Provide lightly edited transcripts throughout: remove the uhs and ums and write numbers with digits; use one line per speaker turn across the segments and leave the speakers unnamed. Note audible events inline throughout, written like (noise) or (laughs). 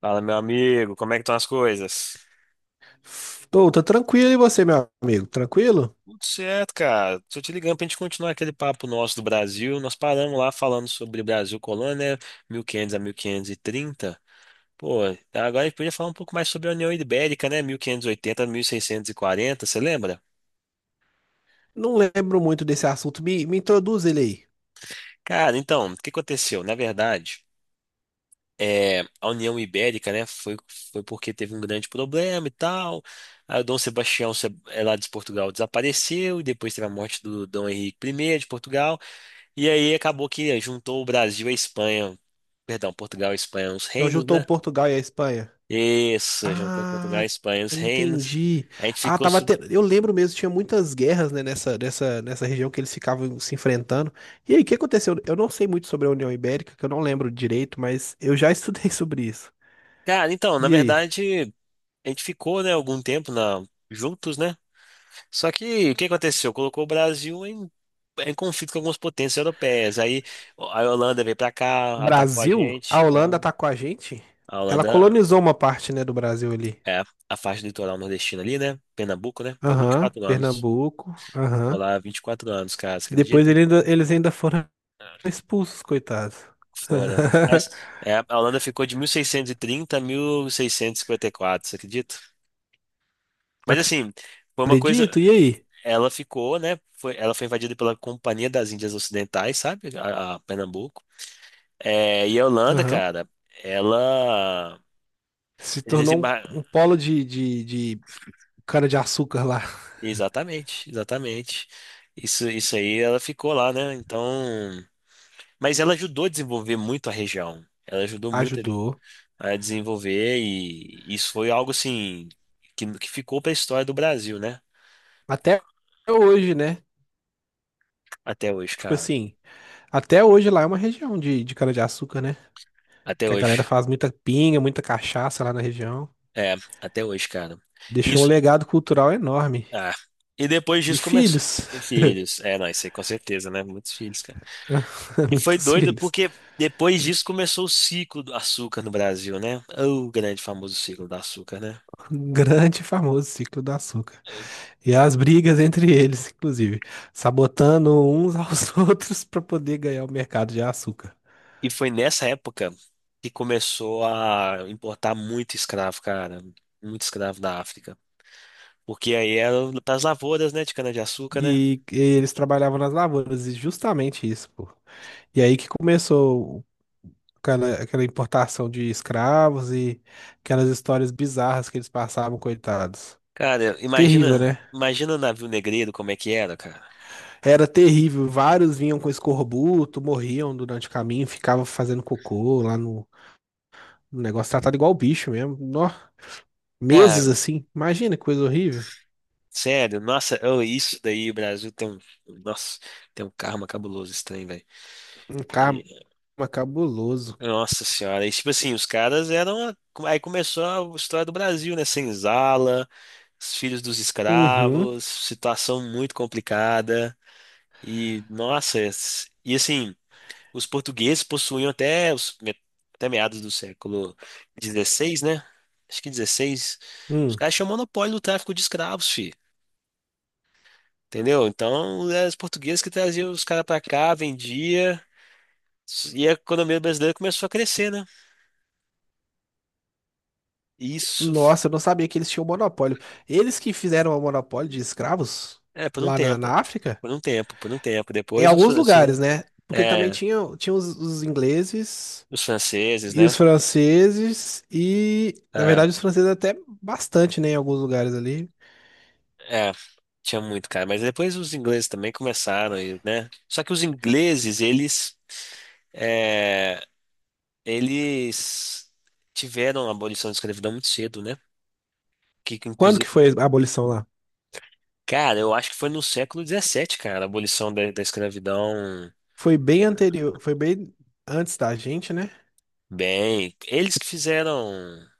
Fala, meu amigo, como é que estão as coisas?
Tô tranquilo, e você, meu amigo? Tranquilo?
Tudo certo, cara. Tô te ligando pra gente continuar aquele papo nosso do Brasil. Nós paramos lá falando sobre Brasil Colônia, né? 1500 a 1530. Pô, agora a gente podia falar um pouco mais sobre a União Ibérica, né? 1580 a 1640. Você lembra?
Não lembro muito desse assunto. Me introduz ele aí.
Cara, então, o que aconteceu? Na verdade, a União Ibérica, né, foi porque teve um grande problema e tal. Aí o Dom Sebastião, é lá de Portugal, desapareceu, e depois teve a morte do Dom Henrique I de Portugal. E aí acabou que juntou o Brasil e a Espanha. Perdão, Portugal e Espanha, os
Nós
reinos,
juntou o
né?
Portugal e a Espanha.
Isso, juntou Portugal e
Ah,
Espanha, os reinos.
entendi.
A gente
Ah,
ficou.
tava te... Eu lembro mesmo, tinha muitas guerras, né, nessa região que eles ficavam se enfrentando. E aí, o que aconteceu? Eu não sei muito sobre a União Ibérica, que eu não lembro direito, mas eu já estudei (laughs) sobre isso.
Cara, então, na
E aí?
verdade, a gente ficou, né, algum tempo juntos, né? Só que o que aconteceu? Colocou o Brasil em, em conflito com algumas potências europeias. Aí a Holanda veio pra
O
cá, atacou a
Brasil? A
gente.
Holanda atacou a gente?
A
Ela
Holanda
colonizou uma parte, né, do Brasil ali.
é a faixa do litoral nordestina ali, né? Pernambuco, né? Por
Aham,
24 anos.
Pernambuco.
Vou
Aham.
lá, 24 anos, cara, você
E depois
acredita?
eles ainda foram expulsos, coitados.
Foram. Mas,
(laughs)
a Holanda ficou de 1630 a 1654, você acredita? Mas assim, foi uma coisa.
Acredito, e aí?
Ela ficou, né? Foi, ela foi invadida pela Companhia das Índias Ocidentais, sabe? A Pernambuco. É, e a Holanda,
Aham.
cara, ela.
Se
Eles
tornou
desembar...
um, um polo de cana de açúcar lá.
Exatamente, exatamente. Isso aí, ela ficou lá, né? Então. Mas ela ajudou a desenvolver muito a região. Ela ajudou muito
Ajudou.
a desenvolver, e isso foi algo assim que ficou para a história do Brasil, né?
Até hoje, né?
Até hoje,
Tipo
cara.
assim, até hoje lá é uma região de cana de açúcar, né?
Até
Que a galera
hoje.
faz muita pinga, muita cachaça lá na região.
É, até hoje, cara.
Deixou um
Isso,
legado cultural enorme.
ah, e depois
E
disso começou.
filhos.
E filhos. É, não, isso aí com certeza, né? Muitos filhos, cara.
(laughs)
E foi
Muitos
doido
filhos.
porque depois disso começou o ciclo do açúcar no Brasil, né? O grande famoso ciclo do açúcar, né?
Um grande e famoso ciclo do açúcar. E as brigas entre eles, inclusive, sabotando uns aos (laughs) outros para poder ganhar o mercado de açúcar.
E foi nessa época que começou a importar muito escravo, cara. Muito escravo da África. Porque aí era pras lavouras, né, de cana-de-açúcar, né?
E eles trabalhavam nas lavouras, e justamente isso, pô. E aí que começou aquela importação de escravos e aquelas histórias bizarras que eles passavam, coitados.
Cara,
Terrível,
imagina,
né?
imagina o navio negreiro como é que era, cara.
Era terrível. Vários vinham com escorbuto, morriam durante o caminho, ficavam fazendo cocô lá no negócio, tratado igual bicho mesmo. Nó, meses
Cara,
assim. Imagina que coisa horrível.
sério, nossa, oh, isso daí, o Brasil tem um, nossa, tem um karma cabuloso esse trem, velho.
Um cara
E-
Mas cabuloso.
Nossa senhora, e tipo assim, os caras eram, aí começou a história do Brasil, né, senzala, os filhos dos
Uhum.
escravos, situação muito complicada. E nossa, e assim, os portugueses possuíam até meados do século XVI, né? Acho que XVI. Os
Hum.
caras tinham monopólio do tráfico de escravos, fi. Entendeu? Então, eram os portugueses que traziam os caras pra cá, vendia, e a economia brasileira começou a crescer, né? Isso,
Nossa, eu não sabia que eles tinham monopólio. Eles que fizeram o monopólio de escravos
é, por um
lá na,
tempo.
na África,
Por um tempo, por um tempo.
em
Depois
alguns lugares, né? Porque também
é,
tinha os ingleses
os franceses,
e os
né?
franceses, e na verdade
É.
os franceses até bastante, né? Em alguns lugares ali.
É, tinha muito, cara. Mas depois os ingleses também começaram, e, né? Só que os ingleses, é, eles tiveram a abolição da escravidão muito cedo, né?
Quando que
Inclusive,
foi a abolição lá?
cara, eu acho que foi no século XVII, cara, a abolição da escravidão.
Foi bem anterior, foi bem antes da gente, né?
Bem, eles que fizeram.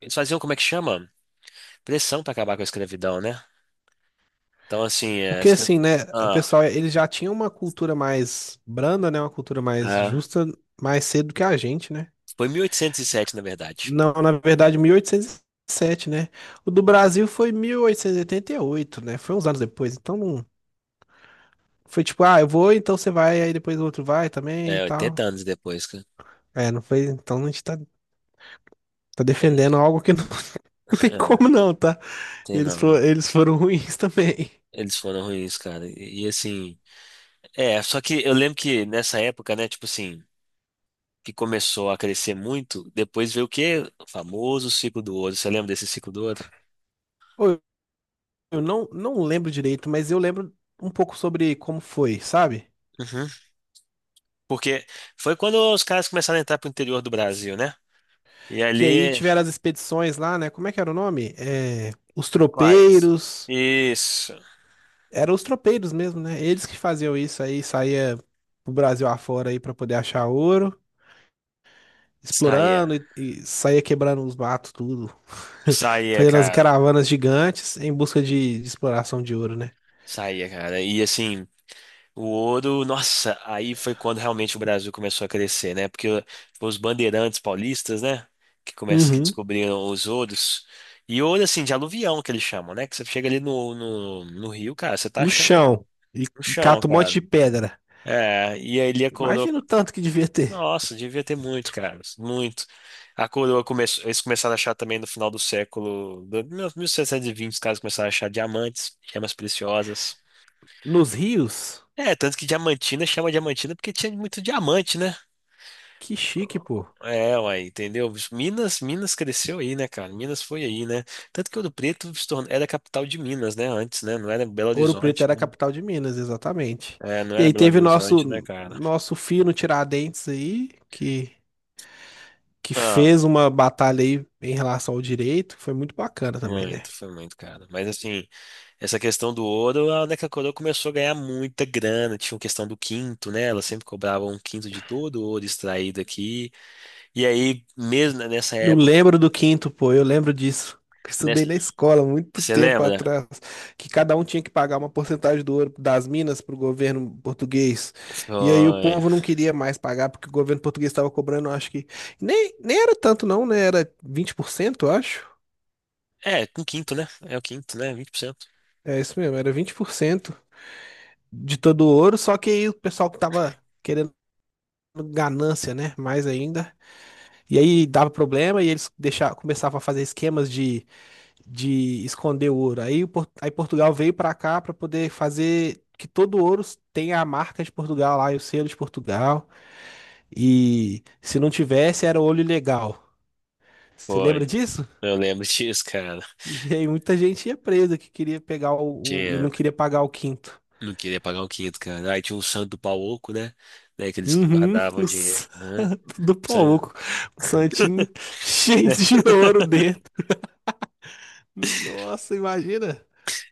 Eles faziam, como é que chama? Pressão pra acabar com a escravidão, né? Então, assim,
Porque assim, né, o
ah,
pessoal, eles já tinham uma cultura mais branda, né, uma cultura mais
ah,
justa, mais cedo que a gente, né?
foi 1807, na verdade.
Não, na verdade, 1807, né? O do Brasil foi mil oitocentos e oitenta e oito, né? Foi uns anos depois, então não... Foi tipo, ah, eu vou, então você vai, aí depois o outro vai também e
É,
tal.
80 anos depois, cara.
É, não foi, então a gente tá, tá defendendo
(laughs)
algo que não, (laughs) não tem como não, tá?
Tem
Eles
não.
foram, eles foram ruins (laughs) também.
Eles foram ruins, cara. Assim, só que eu lembro que nessa época, né, tipo assim, que começou a crescer muito, depois veio o quê? O famoso ciclo do ouro. Você lembra desse ciclo do ouro?
Ô, Eu não lembro direito, mas eu lembro um pouco sobre como foi, sabe?
Uhum. Porque foi quando os caras começaram a entrar pro interior do Brasil, né? E
Que aí
ali,
tiveram as expedições lá, né? Como é que era o nome? É, os
quais?
tropeiros.
Isso.
Eram os tropeiros mesmo, né? Eles que faziam isso aí, saía pro Brasil afora aí pra poder achar ouro,
Saía.
explorando e saía quebrando os matos, tudo. (laughs)
Saía,
Fazendo as
cara.
caravanas gigantes em busca de exploração de ouro, né?
Saía, cara. E assim, o ouro, nossa, aí foi quando realmente o Brasil começou a crescer, né? Porque foi os bandeirantes paulistas, né? Que
Uhum.
descobriram os ouros. E ouro, assim, de aluvião que eles chamam, né? Que você chega ali no rio, cara, você tá
No
achando ouro
chão. E
no chão,
cata um monte
cara.
de pedra.
É, e aí ele a coroa.
Imagina o tanto que devia ter.
Nossa, devia ter muito, cara, muito. A coroa começou, eles começaram a achar também no final do século, 1720, os caras começaram a achar diamantes, gemas preciosas.
Nos rios.
É, tanto que Diamantina chama Diamantina porque tinha muito diamante, né?
Que chique, pô.
É, uai, entendeu? Bicho, Minas, Minas cresceu aí, né, cara? Minas foi aí, né? Tanto que Ouro Preto se tornou, era a capital de Minas, né? Antes, né? Não era Belo
Ouro Preto
Horizonte,
era a
né?
capital de Minas, exatamente.
É, não
E
era
aí
Belo
teve
Horizonte, né,
nosso
cara?
nosso fino Tiradentes aí, que
Ah,
fez uma batalha aí em relação ao direito, que foi muito bacana também, né?
muito, foi muito, cara. Mas assim, essa questão do ouro, a Neca Coroa começou a ganhar muita grana. Tinha a questão do quinto, né? Ela sempre cobrava um quinto de todo o ouro extraído aqui. E aí, mesmo né, nessa
Eu
época,
lembro do quinto, pô, eu lembro disso. (laughs) Eu
nessa-
estudei na escola muito
Você
tempo
lembra?
atrás, que cada um tinha que pagar uma porcentagem do ouro das minas para o governo português. E aí o
Foi.
povo não queria mais pagar, porque o governo português estava cobrando, acho que. Nem era tanto, não, né? Era 20%, eu acho.
É, um quinto, né? É o quinto, né? 20%.
É isso mesmo, era 20% de todo ouro, só que aí o pessoal que tava querendo ganância, né? Mais ainda. E aí dava problema e eles deixavam, começavam a fazer esquemas de esconder o ouro. Aí, aí Portugal veio pra cá pra poder fazer que todo ouro tenha a marca de Portugal lá e o selo de Portugal. E se não tivesse, era ouro ilegal. Você
Foi.
lembra disso?
Eu lembro (laughs) disso, cara.
E aí muita gente ia presa que queria pegar e
Tinha.
não queria pagar o quinto.
Não queria pagar um quinto, cara. Aí tinha um santo do pau oco, né? Né, que eles
Uhum,
guardavam
o
dinheiro, né?
santo do
San-
pouco. Um santinho cheio
(laughs)
de ouro dentro. Nossa, imagina.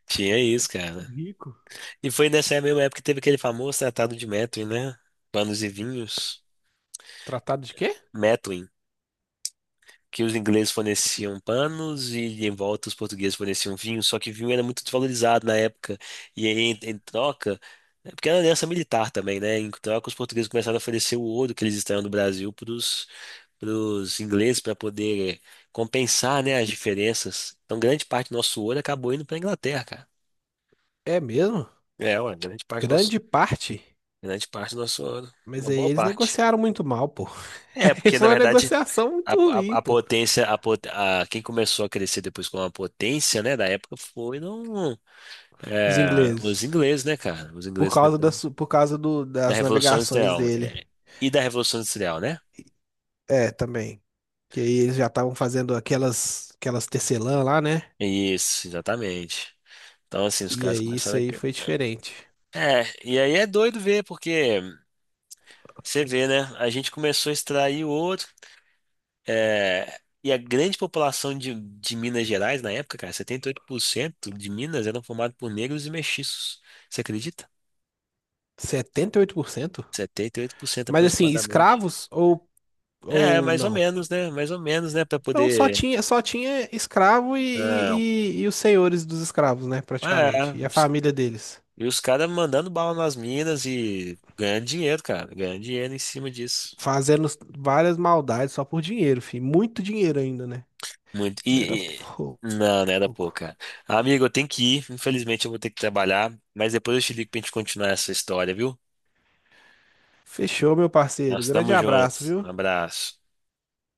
Tinha isso, cara.
Rico.
E foi nessa mesma época que teve aquele famoso tratado de Methuen, né? Panos e vinhos.
Tratado de quê?
Methuen. Que os ingleses forneciam panos e em volta os portugueses forneciam vinho. Só que vinho era muito desvalorizado na época. E aí, em, em, troca. Porque era aliança militar também, né? Em troca, os portugueses começaram a oferecer o ouro que eles extraíam do Brasil para os ingleses para poder compensar, né, as diferenças. Então, grande parte do nosso ouro acabou indo para a Inglaterra, cara.
É mesmo?
É, ué,
Grande parte.
grande parte do nosso ouro,
Mas
uma
aí
boa
eles
parte.
negociaram muito mal, pô.
É,
(laughs) Aí
porque na
foi uma
verdade
negociação
a,
muito
a,
ruim,
a
pô.
potência, a, pot- a- quem começou a crescer depois com a potência, né, da época foram
Os ingleses.
os ingleses, né, cara? Os
Por
ingleses
causa
depois
das, por causa do,
da
das
Revolução
navegações
Industrial
dele.
e da Revolução Industrial, né?
É, também. Que aí eles já estavam fazendo aquelas tecelã lá, né?
Isso, exatamente. Então, assim, os
E
caras
aí isso
começaram a...
aí
cre-
foi diferente.
É, e aí é doido ver, porque você vê, né? A gente começou a extrair ouro, e a grande população de Minas Gerais na época, cara, 78% de Minas eram formados por negros e mestiços. Você acredita?
78%?
78%,
Mas assim,
aproximadamente.
escravos ou,
É,
ou
mais ou
não?
menos, né? Mais ou menos, né? Pra
Não, só
poder.
tinha, só tinha escravo e,
Não.
e os senhores dos escravos, né,
É,
praticamente. E a família deles.
e os caras mandando bala nas minas e ganhando dinheiro, cara. Ganhando dinheiro em cima disso.
Fazendo várias maldades só por dinheiro, fi. Muito dinheiro ainda, né?
Muito.
Não era
Não, não era pouco,
pouco.
cara. Amigo, eu tenho que ir. Infelizmente, eu vou ter que trabalhar. Mas depois eu te ligo pra gente continuar essa história, viu?
Fechou, meu parceiro.
Nós
Grande
estamos
abraço,
juntos.
viu?
Um abraço.